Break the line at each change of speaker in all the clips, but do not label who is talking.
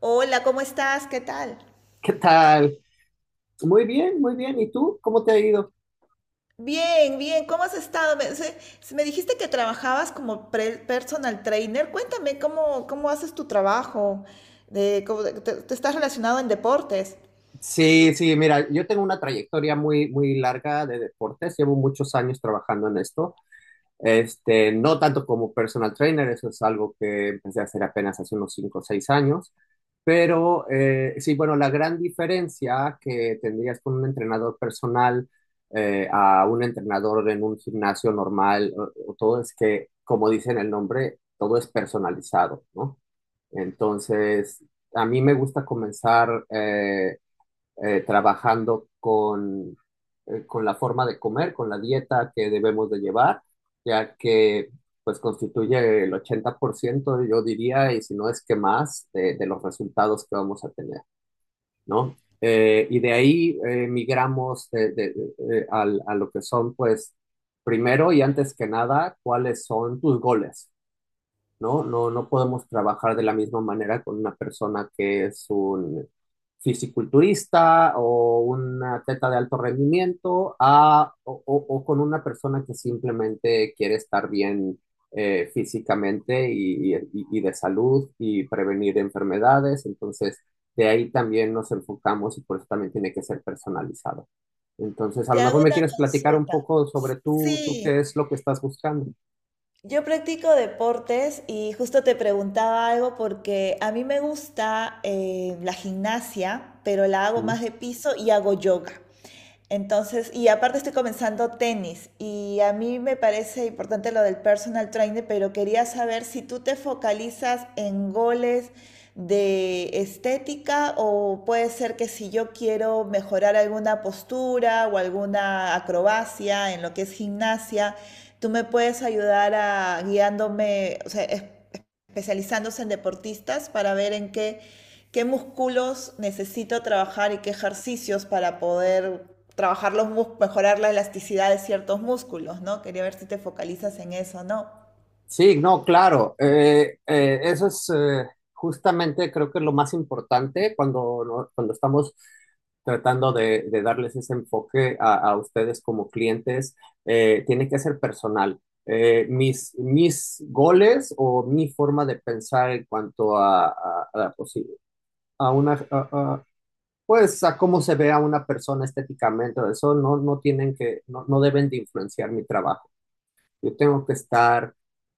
Hola, ¿cómo estás? ¿Qué tal?
¿Qué tal? Muy bien, muy bien. ¿Y tú? ¿Cómo te ha ido?
Bien, bien, ¿cómo has estado? Me dijiste que trabajabas como personal trainer. Cuéntame, ¿cómo haces tu trabajo? ¿De, cómo te estás relacionado en deportes?
Sí, sí, mira, yo tengo una trayectoria muy, muy larga de deportes. Llevo muchos años trabajando en esto. Este, no tanto como personal trainer, eso es algo que empecé a hacer apenas hace unos cinco, o 6 años. Pero sí, bueno, la gran diferencia que tendrías con un entrenador personal a un entrenador en un gimnasio normal o todo es que, como dice en el nombre, todo es personalizado, ¿no? Entonces, a mí me gusta comenzar trabajando con la forma de comer, con la dieta que debemos de llevar, ya que pues constituye el 80%, yo diría, y si no es que más, de los resultados que vamos a tener, ¿no? Y de ahí migramos a lo que son, pues, primero y antes que nada, ¿cuáles son tus goles? ¿No? No, no podemos trabajar de la misma manera con una persona que es un fisiculturista o un atleta de alto rendimiento, o con una persona que simplemente quiere estar bien físicamente y de salud y prevenir enfermedades. Entonces, de ahí también nos enfocamos y por eso también tiene que ser personalizado. Entonces, a
Te
lo mejor
hago
me
una
quieres platicar un
consulta.
poco sobre tú
Sí,
qué es lo que estás buscando.
yo practico deportes y justo te preguntaba algo porque a mí me gusta la gimnasia, pero la hago más de piso y hago yoga. Entonces, y aparte estoy comenzando tenis y a mí me parece importante lo del personal trainer, pero quería saber si tú te focalizas en goles de estética o puede ser que si yo quiero mejorar alguna postura o alguna acrobacia en lo que es gimnasia, tú me puedes ayudar a guiándome, o sea, es especializándose en deportistas para ver en qué, qué músculos necesito trabajar y qué ejercicios para poder trabajar los músculos, mejorar la elasticidad de ciertos músculos, ¿no? Quería ver si te focalizas en eso, ¿no?
Sí, no, claro. Eso es justamente, creo que es lo más importante cuando, cuando estamos tratando de darles ese enfoque a ustedes como clientes. Tiene que ser personal. Mis goles o mi forma de pensar en cuanto a, pues sí, a una, a- pues a cómo se ve a una persona estéticamente. Eso no tienen que, no deben de influenciar mi trabajo. Yo tengo que estar,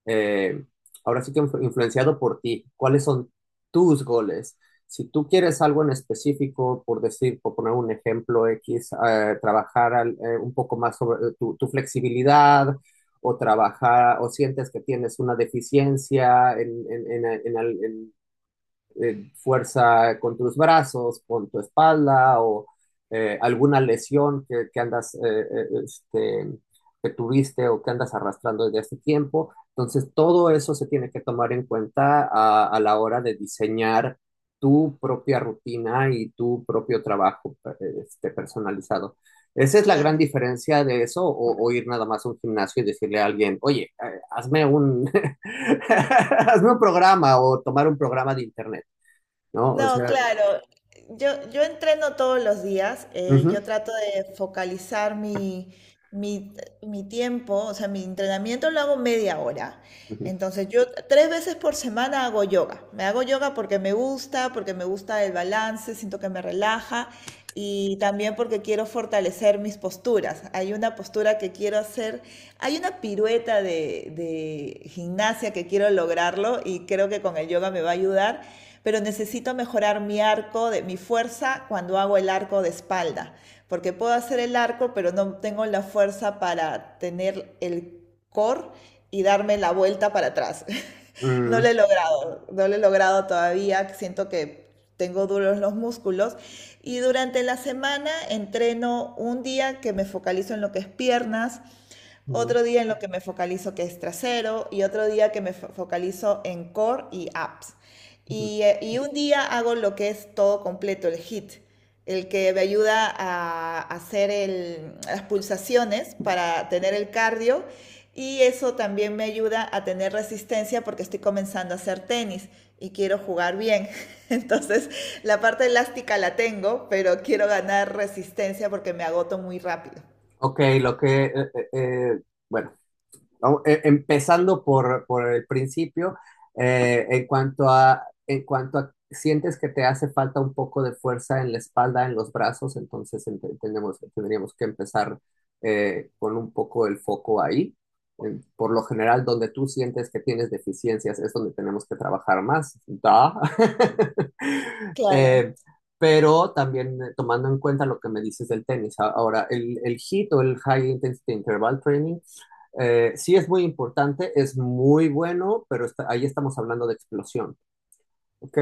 eh, ahora sí que influenciado por ti. ¿Cuáles son tus goles? Si tú quieres algo en específico, por decir, por poner un ejemplo X, trabajar un poco más sobre tu flexibilidad, o trabajar, o sientes que tienes una deficiencia en fuerza con tus brazos, con tu espalda, o alguna lesión que andas, eh, este, que tuviste o que andas arrastrando desde hace tiempo. Entonces, todo eso se tiene que tomar en cuenta a la hora de diseñar tu propia rutina y tu propio trabajo, personalizado. Esa es la gran
Claro.
diferencia de eso, ir nada más a un gimnasio y decirle a alguien, oye, hazme un programa o tomar un programa de internet. ¿No? O
No,
sea,
claro. Yo entreno todos los días.
ujú,
Yo trato de focalizar mi, mi tiempo. O sea, mi entrenamiento lo hago media hora.
ujú,
Entonces, yo tres veces por semana hago yoga. Me hago yoga porque me gusta el balance, siento que me relaja y también porque quiero fortalecer mis posturas. Hay una postura que quiero hacer, hay una pirueta de gimnasia que quiero lograrlo y creo que con el yoga me va a ayudar, pero necesito mejorar mi arco, de, mi fuerza cuando hago el arco de espalda, porque puedo hacer el arco, pero no tengo la fuerza para tener el core y darme la vuelta para atrás. No lo
mm,
he logrado, no lo he logrado todavía, siento que tengo duros los músculos y durante la semana entreno un día que me focalizo en lo que es piernas,
mm,
otro día en lo que me focalizo que es trasero y otro día que focalizo en core y apps.
ujú.
Y un día hago lo que es todo completo, el hit, el que me ayuda a hacer las pulsaciones para tener el cardio y eso también me ayuda a tener resistencia porque estoy comenzando a hacer tenis y quiero jugar bien. Entonces, la parte elástica la tengo, pero quiero ganar resistencia porque me agoto muy rápido.
Ok, lo que, bueno. Empezando por el principio, en cuanto a, sientes que te hace falta un poco de fuerza en la espalda, en los brazos. Entonces, entendemos que tendríamos que empezar con un poco el foco ahí. Por lo general, donde tú sientes que tienes deficiencias es donde tenemos que trabajar más. Da.
Claro.
Eh, pero también, tomando en cuenta lo que me dices del tenis. Ahora, el HIIT o el High Intensity Interval Training, sí es muy importante, es muy bueno, pero ahí estamos hablando de explosión, ¿ok?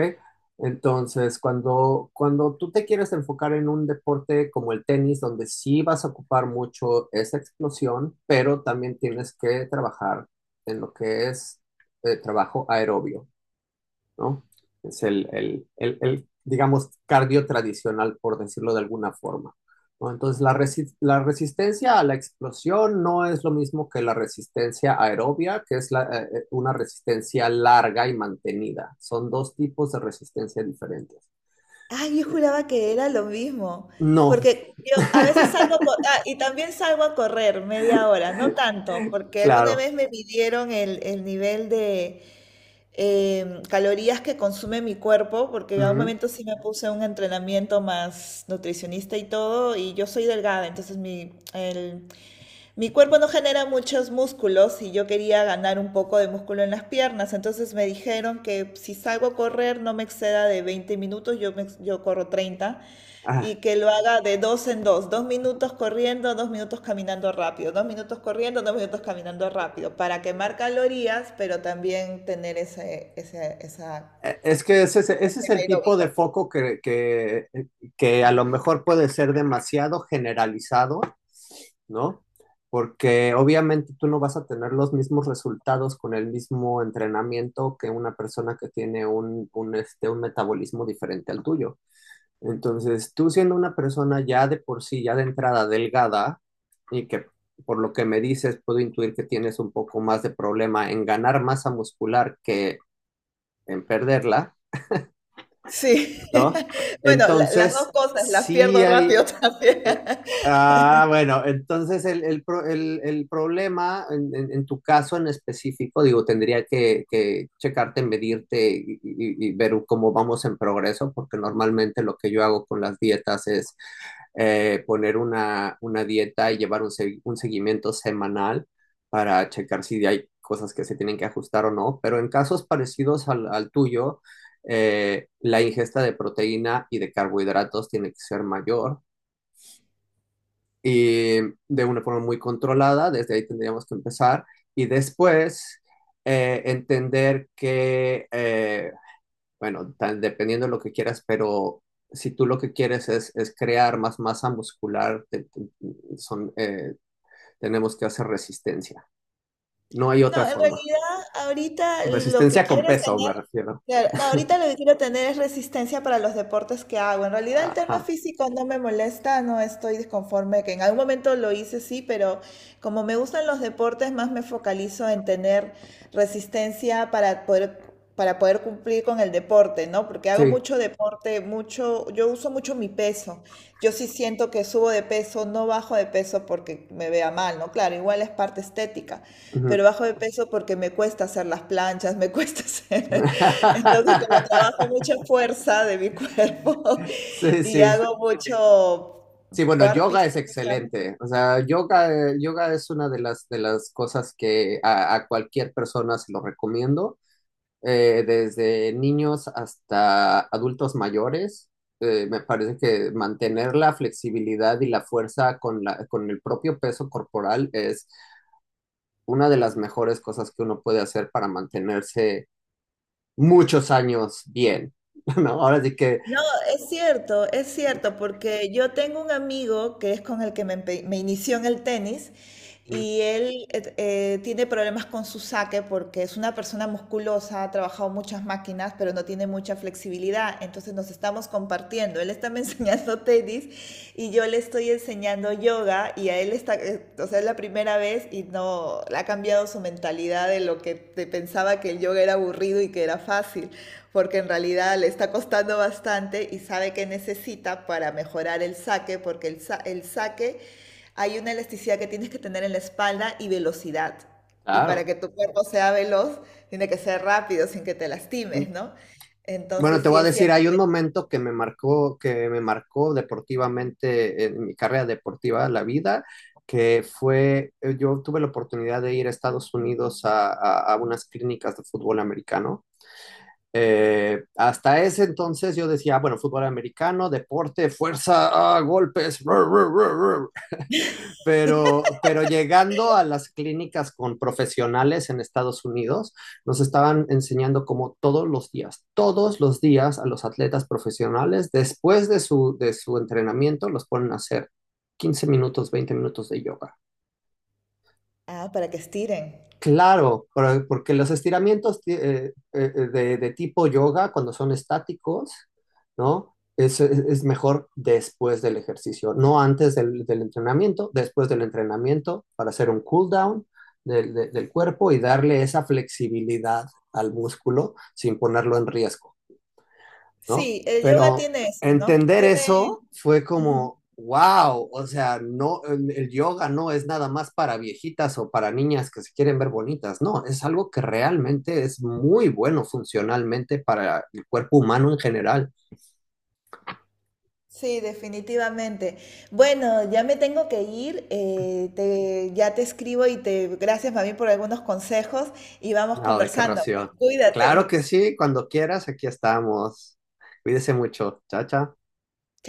Entonces, cuando, cuando tú te quieres enfocar en un deporte como el tenis, donde sí vas a ocupar mucho esa explosión, pero también tienes que trabajar en lo que es trabajo aerobio. ¿No? Es digamos, cardio tradicional, por decirlo de alguna forma. ¿No? Entonces, resistencia a la explosión no es lo mismo que la resistencia aerobia, que es una resistencia larga y mantenida. Son dos tipos de resistencia diferentes.
Ay, yo juraba que era lo mismo,
No,
porque yo a veces salgo, ah, y también salgo a correr media hora, no tanto, porque alguna
claro.
vez me midieron el nivel de calorías que consume mi cuerpo, porque en algún
Mm.
momento sí me puse un entrenamiento más nutricionista y todo, y yo soy delgada, entonces mi, el, mi cuerpo no genera muchos músculos y yo quería ganar un poco de músculo en las piernas, entonces me dijeron que si salgo a correr no me exceda de 20 minutos, yo, yo corro 30,
Ah.
y que lo haga de dos en dos, dos minutos corriendo, dos minutos caminando rápido, dos minutos corriendo, dos minutos caminando rápido, para quemar calorías, pero también tener ese, ese, esa,
Es que ese,
ese
ese es
tema
el tipo
aeróbico.
de foco a lo mejor puede ser demasiado generalizado. ¿No? Porque obviamente tú no vas a tener los mismos resultados con el mismo entrenamiento que una persona que tiene un metabolismo diferente al tuyo. Entonces, tú siendo una persona ya de por sí, ya de entrada delgada, y que, por lo que me dices, puedo intuir que tienes un poco más de problema en ganar masa muscular que en perderla,
Sí,
¿no?
bueno, las dos
Entonces,
cosas las
sí
pierdo
hay...
rápido también.
Ah, bueno, entonces el problema en tu caso en específico, digo, tendría que checarte, medirte y ver cómo vamos en progreso, porque normalmente lo que yo hago con las dietas es poner una dieta y llevar un seguimiento semanal para checar si hay cosas que se tienen que ajustar o no, pero en casos parecidos al tuyo, la ingesta de proteína y de carbohidratos tiene que ser mayor y de una forma muy controlada. Desde ahí tendríamos que empezar y después entender que, bueno, dependiendo de lo que quieras, pero si tú lo que quieres es crear más masa muscular, tenemos que hacer resistencia. No hay
No,
otra
en
forma.
realidad ahorita lo que
Resistencia con
quiero es
peso, me
tener,
refiero.
claro, no, ahorita lo que quiero tener es resistencia para los deportes que hago. En realidad el tema
Ajá.
físico no me molesta, no estoy disconforme, que en algún momento lo hice sí, pero como me gustan los deportes, más me focalizo en tener resistencia para poder cumplir con el deporte, ¿no? Porque hago
Sí.
mucho deporte, mucho, yo uso mucho mi peso. Yo sí siento que subo de peso, no bajo de peso porque me vea mal, ¿no? Claro, igual es parte estética, pero
Ujú.
bajo de peso porque me cuesta hacer las planchas, me cuesta hacer. Entonces, como trabajo mucha fuerza de mi cuerpo
Sí,
y
sí.
hago mucho
Sí, bueno,
burpees,
yoga es
creo que se llama.
excelente. O sea, yoga, yoga es una de las cosas que a cualquier persona se lo recomiendo, desde niños hasta adultos mayores. Me parece que mantener la flexibilidad y la fuerza con con el propio peso corporal es una de las mejores cosas que uno puede hacer para mantenerse muchos años bien, ¿no? Ahora sí que,
No, es cierto, porque yo tengo un amigo que es con el que me, me inició en el tenis.
mm,
Y él tiene problemas con su saque porque es una persona musculosa, ha trabajado muchas máquinas, pero no tiene mucha flexibilidad. Entonces nos estamos compartiendo. Él está me enseñando tenis y yo le estoy enseñando yoga y a él está, o sea, es la primera vez y no, ha cambiado su mentalidad de lo que te pensaba que el yoga era aburrido y que era fácil, porque en realidad le está costando bastante y sabe que necesita para mejorar el saque, porque el, el saque, hay una elasticidad que tienes que tener en la espalda y velocidad. Y para
claro.
que tu cuerpo sea veloz, tiene que ser rápido sin que te lastimes, ¿no?
Bueno,
Entonces
te
sí
voy a
es
decir,
cierto
hay un
que...
momento que me marcó deportivamente en mi carrera deportiva, la vida, que fue, yo tuve la oportunidad de ir a Estados Unidos a unas clínicas de fútbol americano. Hasta ese entonces yo decía, ah, bueno, fútbol americano, deporte, fuerza, ah, golpes, pero llegando a las clínicas con profesionales en Estados Unidos, nos estaban enseñando como todos los días a los atletas profesionales, después de su entrenamiento, los ponen a hacer 15 minutos, 20 minutos de yoga.
Ah, para que estiren.
Claro, porque los estiramientos, de tipo yoga, cuando son estáticos, ¿no? Es mejor después del ejercicio, no antes del entrenamiento, después del entrenamiento, para hacer un cool down del cuerpo y darle esa flexibilidad al músculo sin ponerlo en riesgo. ¿No?
Sí, el yoga
Pero
tiene eso, ¿no?
entender
Tiene...
eso fue
Ujú.
como, wow. O sea, no, el yoga no es nada más para viejitas o para niñas que se quieren ver bonitas. No, es algo que realmente es muy bueno funcionalmente para el cuerpo humano en general.
Sí, definitivamente. Bueno, ya me tengo que ir. Ya te escribo y te... Gracias, mami, por algunos consejos y vamos
Nada de qué
conversando, pues.
ración. Claro
Cuídate.
que sí, cuando quieras, aquí estamos. Cuídese mucho. Chao, chao.
Chao.